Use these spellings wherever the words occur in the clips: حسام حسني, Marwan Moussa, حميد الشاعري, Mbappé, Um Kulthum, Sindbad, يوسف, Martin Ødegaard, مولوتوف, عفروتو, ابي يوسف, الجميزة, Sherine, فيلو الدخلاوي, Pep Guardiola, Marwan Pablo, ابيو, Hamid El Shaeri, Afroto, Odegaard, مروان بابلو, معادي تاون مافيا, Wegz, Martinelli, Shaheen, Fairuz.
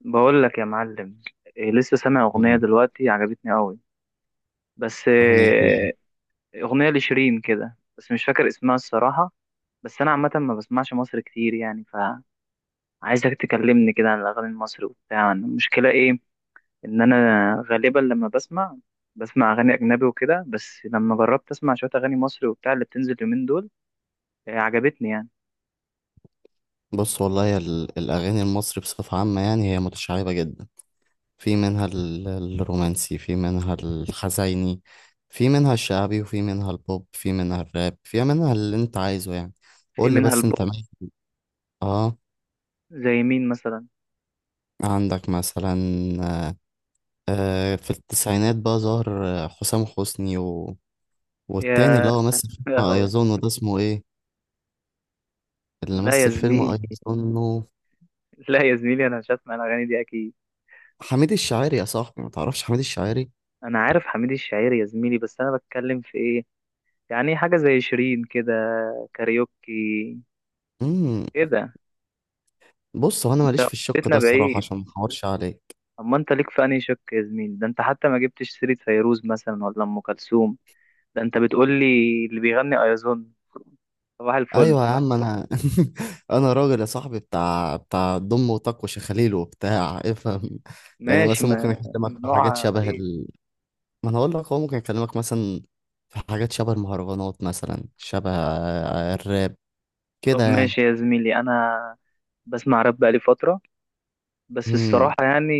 بقول لك يا معلم. لسه سامع أغنية مم. دلوقتي عجبتني قوي. بس أغنية إيه؟ أغنية لشيرين كده، بس مش فاكر اسمها الصراحة. بس أنا عامة ما بسمعش مصر كتير يعني، فعايزك تكلمني كده عن الأغاني المصري وبتاع. المشكلة إيه؟ إن أنا غالبا لما بسمع أغاني أجنبي وكده، بس لما جربت أسمع شوية أغاني مصري وبتاع اللي بتنزل اليومين دول، عجبتني يعني. بص والله يا الأغاني المصري بصفة عامة، يعني هي متشعبة جدا. في منها الرومانسي، في منها الحزيني، في منها الشعبي، وفي منها البوب، في منها الراب، في منها اللي أنت عايزه يعني. في قول لي منها بس أنت البوم. مين؟ آه زي مين مثلا؟ عندك مثلا. في التسعينات بقى ظهر حسام حسني و... والتاني، اللي يا هو مثل يا فيلم هوي. أيظنه ده، اسمه إيه؟ اللي لا يا مثل فيلم زميلي، أيظنه لا يا زميلي، أنا مش هسمع الأغاني دي أكيد. حميد الشاعري يا صاحبي. ما تعرفش حميد الشاعري؟ انا عارف حميد الشاعري يا زميلي، بس انا بتكلم في ايه؟ يعني حاجه زي شيرين كده، كاريوكي مم، كده. بص، هو انا ماليش في الشق بيتنا ده الصراحه، بعيد. عشان ما احورش عليك. اما انت ليك في انهي شق يا زميلي؟ ده انت حتى ما جبتش سيره فيروز مثلا ولا ام كلثوم. ده انت بتقول لي اللي بيغني ايازون صباح الفل. ايوه يا لا عم انا انا راجل يا صاحبي بتاع ضم وطق وشخاليل، وبتاع افهم. يعني ماشي، مثلا ما ممكن اكلمك في حاجات نوعها غريب. ما انا اقول لك، هو ممكن اكلمك مثلا في حاجات شبه المهرجانات، مثلا شبه الراب كده طب يعني. ماشي يا زميلي، انا بسمع راب بقالي فتره، بس امم الصراحه يعني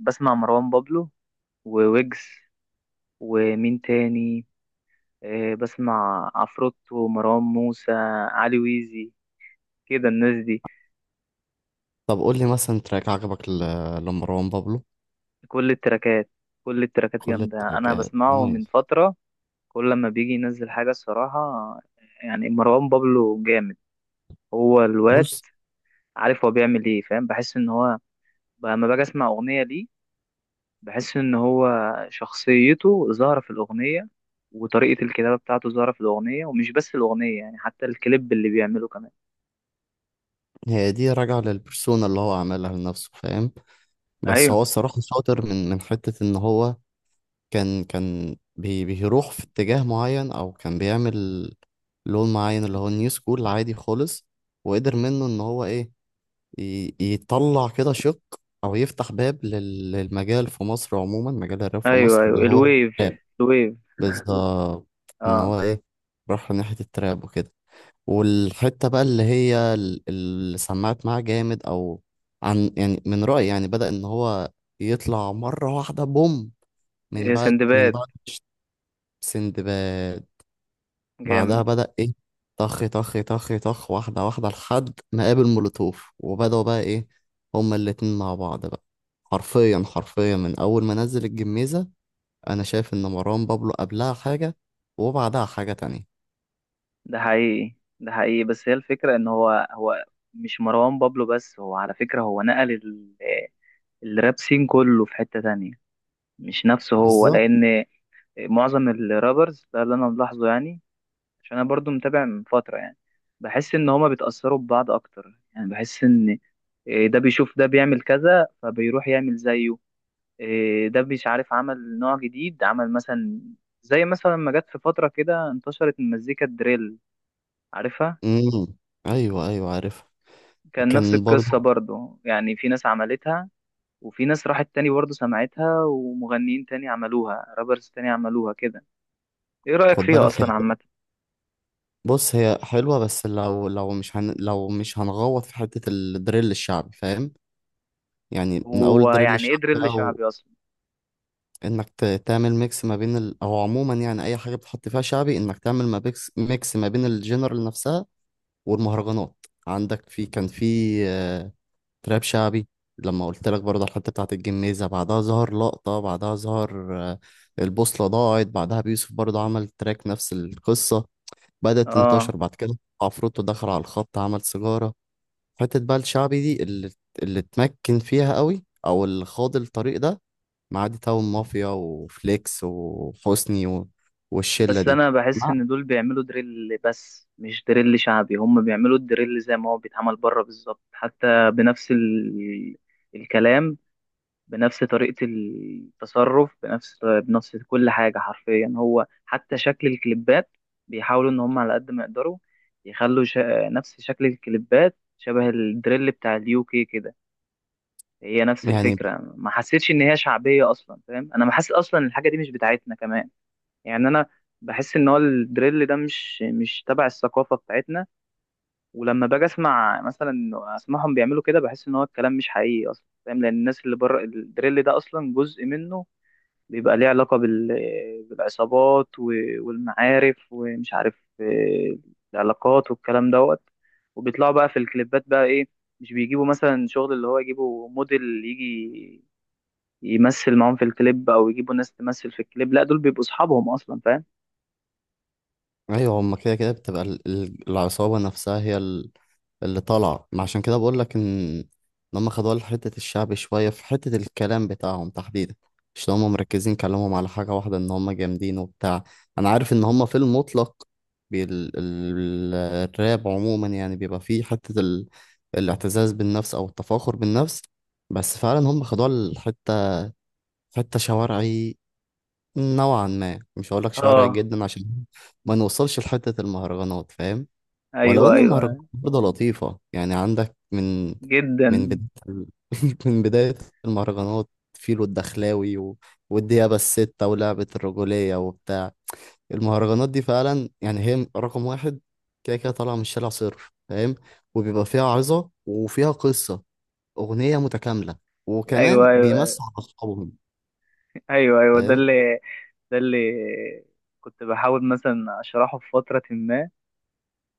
بسمع مروان بابلو وويجز ومين تاني، بسمع عفروتو، مروان موسى، علي ويزي، كده الناس دي. طب قول لي مثلا تراك عجبك ل- لمروان بابلو. كل التراكات، كل التراكات كل جامدة، أنا التراكات بسمعه من نايس. فترة. كل لما بيجي ينزل حاجة الصراحة يعني، مروان بابلو جامد. هو الواد بص، عارف هو بيعمل ايه، فاهم؟ بحس ان هو، لما باجي اسمع أغنية ليه بحس ان هو شخصيته ظاهرة في الأغنية، وطريقة الكتابة بتاعته ظاهرة في الأغنية، ومش بس الأغنية يعني، حتى الكليب اللي بيعمله كمان. هي دي راجعه للبرسونا اللي هو عملها لنفسه، فاهم. بس هو أيوه، الصراحة شاطر من حتة إن هو كان بيروح في اتجاه معين، أو كان بيعمل لون معين، اللي هو النيو سكول، عادي خالص. وقدر منه إن هو إيه، ي- يطلع كده شق، أو يفتح باب لل- للمجال في مصر عموما، مجال الراب في مصر أيوه أيوه، اللي هو الويف، الويف، بالظبط. ان اه. هو ايه، راح ناحية التراب وكده. والحتة بقى اللي هي اللي سمعت معاه جامد، او عن، يعني، من رأيي يعني بدأ ان هو يطلع مرة واحدة بوم، من بعد من سندباد، بعد سندباد. بعدها جامد. بدأ ايه، طخ طخ طخ طخ واحدة واحدة، لحد ما قابل مولوتوف وبدأوا بقى ايه، هما الاتنين مع بعض بقى. حرفيا حرفيا من اول ما نزل الجميزة انا شايف ان مروان بابلو قبلها حاجة وبعدها حاجة تانية. ده حقيقي، ده حقيقي. بس هي الفكرة ان هو مش مروان بابلو بس، هو على فكرة هو نقل ال- الراب سين كله في حتة تانية، مش نفسه هو، بالظبط. لان معظم الرابرز ده اللي انا ملاحظه يعني، عشان انا برضو متابع من فترة يعني، بحس ان هما بيتأثروا ببعض اكتر يعني، بحس ان ده بيشوف ده بيعمل كذا فبيروح يعمل زيه، ده مش عارف عمل نوع جديد، عمل مثلا زي مثلا ما جت في فترة كده انتشرت المزيكا الدريل، عارفها؟ امم. ايوه ايوه، عارفها. كان نفس كان القصة برضو. برضو يعني، في ناس عملتها وفي ناس راحت تاني برضو سمعتها، ومغنيين تاني عملوها، رابرز تاني عملوها كده. ايه رأيك خد فيها بالك، هي، اصلا عامة؟ بص، هي حلوة بس لو مش هنغوط في حتة الدريل الشعبي، فاهم. يعني من اول هو الدريل يعني ايه الشعبي دريل بقى، شعبي اصلا؟ وانك ت- تعمل ميكس ما بين او عموما يعني اي حاجة بتحط فيها شعبي، انك تعمل ما بيكس... ميكس ما بين الجنرال نفسها والمهرجانات. عندك، في، كان في تراب شعبي. لما قلت لك برضه على الحته بتاعت الجميزه، بعدها ظهر لقطه، بعدها ظهر البوصله ضاعت، بعدها بيوسف برضه عمل تراك نفس القصه. بدات اه. تنتشر بعد كده، عفروتو دخل على الخط عمل سيجاره. حته بقى الشعبي دي، اللي اتمكن فيها قوي او اللي خاض الطريق ده، معادي تاون مافيا وفليكس وحسني و... والشله بس دي. انا بحس مع- ان دول بيعملوا دريل بس مش دريل شعبي، هم بيعملوا الدريل زي ما هو بيتعمل بره بالظبط، حتى بنفس ال... الكلام، بنفس طريقة التصرف، بنفس كل حاجة حرفيا، هو حتى شكل الكليبات بيحاولوا إن هم على قد ما يقدروا يخلوا نفس شكل الكليبات شبه الدريل بتاع اليو كي كده. هي نفس يعني، الفكرة، ما حسيتش إن هي شعبية أصلا، فاهم؟ أنا بحس أصلا إن الحاجة دي مش بتاعتنا كمان يعني، أنا بحس إن هو الدريل ده مش تبع الثقافة بتاعتنا. ولما باجي أسمع مثلا إنه أسمعهم بيعملوا كده، بحس إن هو الكلام مش حقيقي أصلا، فاهم؟ لأن الناس اللي بره الدريل ده أصلا جزء منه، بيبقى ليه علاقة بال... بالعصابات و... والمعارف ومش عارف العلاقات والكلام دوت. وبيطلعوا بقى في الكليبات بقى ايه، مش بيجيبوا مثلا شغل اللي هو يجيبوا موديل يجي يمثل معاهم في الكليب، او يجيبوا ناس تمثل في الكليب، لا دول بيبقوا اصحابهم اصلا، فاهم؟ ايوه، هما كده كده بتبقى العصابه نفسها هي اللي طالعة، ما عشان كده بقول لك إن هم خدوا حتة الشعب شوية في حتة الكلام بتاعهم تحديدا، مش إن هم مركزين كلامهم على حاجة واحدة ان هم جامدين وبتاع. انا عارف ان هم في المطلق الراب عموما يعني بيبقى فيه حتة الاعتزاز بالنفس او التفاخر بالنفس. بس فعلا هم خدوها الحتة، حتة شوارعي نوعا ما. مش هقول لك اه. شوارعي جدا، عشان ما نوصلش لحتة المهرجانات، فاهم. ولو ايوه، ان المهرجانات ايوه برضه لطيفة يعني. عندك من جدا. بداية من بداية المهرجانات، فيلو الدخلاوي و... والديابة الستة ولعبة الرجولية وبتاع. المهرجانات دي فعلا، يعني هي رقم واحد كده كده، طالعة من الشارع صرف، فاهم. وبيبقى فيها عظة وفيها قصة، أغنية متكاملة، وكمان ايوه ايوه بيمسوا على أصحابهم، ايوه، ايوه ده فاهم. اللي ده اللي كنت بحاول مثلا اشرحه في فترة ما،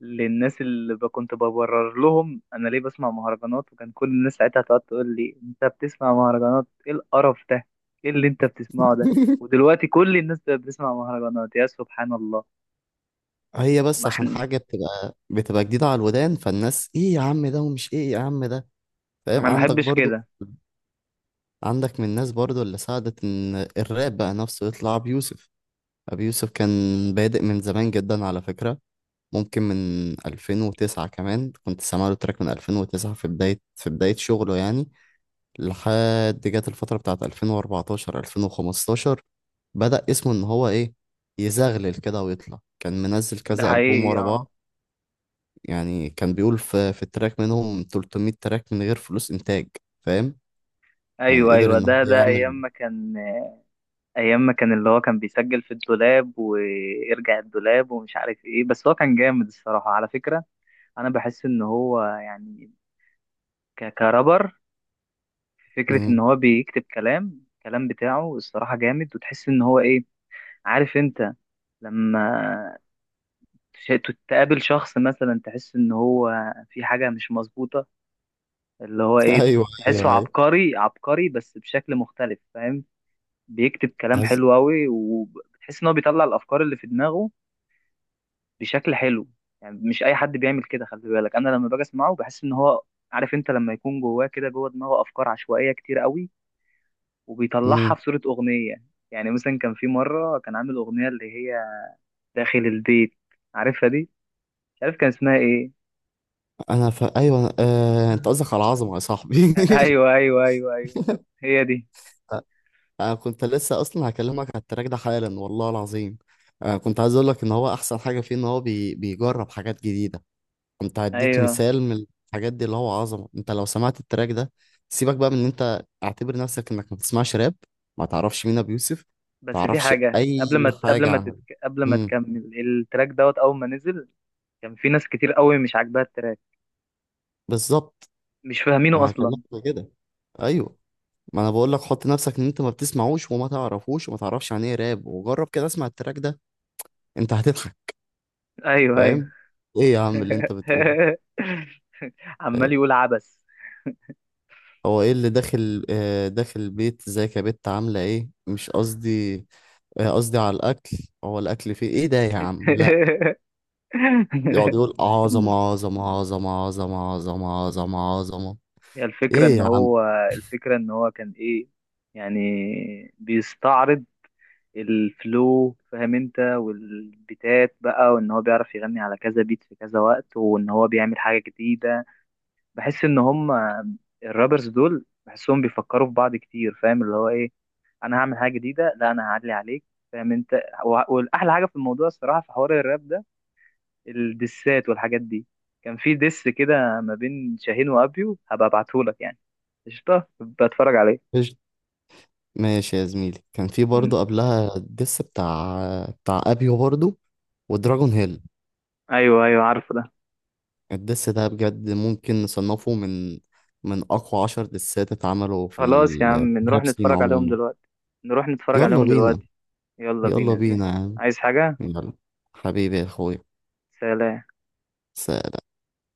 للناس اللي كنت ببرر لهم انا ليه بسمع مهرجانات، وكان كل الناس ساعتها تقعد تقول لي انت بتسمع مهرجانات؟ ايه القرف ده؟ ايه اللي انت بتسمعه ده؟ ودلوقتي كل الناس بقت بتسمع مهرجانات، يا سبحان الله. هي بس ما عشان احنا، حاجة بتبقى جديدة على الودان، فالناس ايه يا عم ده، ومش ايه يا عم ده، فاهم. انا ما عندك بحبش برضو، كده. عندك من الناس برضو اللي ساعدت ان الراب بقى نفسه يطلع، ابي يوسف. ابي يوسف كان بادئ من زمان جدا على فكرة، ممكن من 2009 كمان، كنت سامع له تراك من 2009، في بداية شغله يعني. لحد جت الفترة بتاعت 2014 2015، بدأ اسمه ان هو ايه، يزغلل كده ويطلع. كان منزل ده كذا ألبوم حقيقي، ورا اه. بعض، يعني كان بيقول في التراك منهم 300 تراك من غير فلوس إنتاج، فاهم. يعني ايوه قدر ايوه، ان هو ده ايام يعمل. ما كان، ايام ما كان اللي هو كان بيسجل في الدولاب ويرجع الدولاب ومش عارف ايه، بس هو كان جامد الصراحة على فكرة. انا بحس ان هو يعني كرابر، فكرة إن هو بيكتب كلام، الكلام بتاعه الصراحة جامد، وتحس إن هو إيه، عارف أنت لما تش- تقابل شخص مثلا تحس إن هو في حاجة مش مظبوطة، اللي هو ايوه إيه، ايوه تحسه ايوه. عبقري، عبقري بس بشكل مختلف، فاهم؟ بيكتب كلام عز... حلو أوي، وبتحس إن هو بيطلع الأفكار اللي في دماغه بشكل حلو. يعني مش أي حد بيعمل كده، خلي بالك. أنا لما باجي أسمعه بحس إن هو، عارف أنت، لما يكون جواه كده، جوه دماغه أفكار عشوائية كتير أوي، وبيطلعها مم. في صورة أغنية. يعني مثلا كان في مرة كان عامل أغنية اللي هي داخل البيت، عارفها دي؟ مش عارف كان اسمها إيه. انا ايوه، انت مم. قصدك على العظمه يا صاحبي. أيوه أيوه أيوه أيوه، هي دي. انا كنت لسه اصلا هكلمك على التراك ده حالا والله العظيم. كنت عايز اقول لك ان هو احسن حاجه فيه، ان هو بيجرب حاجات جديده. كنت هديك أيوه، مثال من الحاجات دي، اللي هو عظمه. انت لو سمعت التراك ده، سيبك بقى من ان انت اعتبر نفسك انك ما بتسمعش راب، ما تعرفش مين ابو يوسف، ما بس في تعرفش حاجة اي حاجه عن. قبل ما مم. تكمل، التراك دوت أول ما نزل كان في ناس كتير قوي مش عاجباها التراك، بالظبط. مش فاهمينه انا هكلمك أصلا. كده، ايوه. ما انا بقول لك، حط نفسك ان انت ما بتسمعوش وما تعرفوش، وما تعرفش عن ايه راب، وجرب كده اسمع التراك ده انت هتضحك، أيوه أيوه. فاهم. ايه يا عم اللي انت بتقوله، عمال فاهم. يقول عبس. هو ايه اللي داخل البيت، ازيك يا بت عامله ايه، مش قصدي قصدي على الاكل. هو الاكل فيه ايه ده يا عم، لا، يقعد يقول عظمه عظمه عظمه عظمه عظمه عظمه عظمه. هي الفكرة ايه ان يا عم. هو، الفكرة ان هو كان ايه يعني، بيستعرض الفلو فاهم انت، والبيتات بقى، وان هو بيعرف يغني على كذا بيت في كذا وقت، وان هو بيعمل حاجة جديدة. بحس ان هم الرابرز دول بحسهم بيفكروا في بعض كتير، فاهم؟ اللي هو ايه، انا هعمل حاجة جديدة، لا انا هعلي عليك، فاهم انت؟ والاحلى حاجة في الموضوع الصراحة في حوار الراب ده، الدسات والحاجات دي، كان في دس كده ما بين شاهين وابيو، هبقى ابعتهولك يعني، قشطة، بتفرج عليه. إيش- ماشي يا زميلي. كان في مم. برضه قبلها الدس بتاع ابيو برضه ودراجون هيل. ايوه ايوه، عارفه ده. الدس ده بجد ممكن نصنفه من أقوى 10 دسات اتعملوا في خلاص يا عم نروح الراب سين نتفرج عليهم عموما. دلوقتي، نروح نتفرج يلا عليهم بينا. دلوقتي. يلا بينا يلا يا بينا زميلي. يا عم. عايز حاجة؟ يلا، حبيبي يا أخويا. سلام. سلام.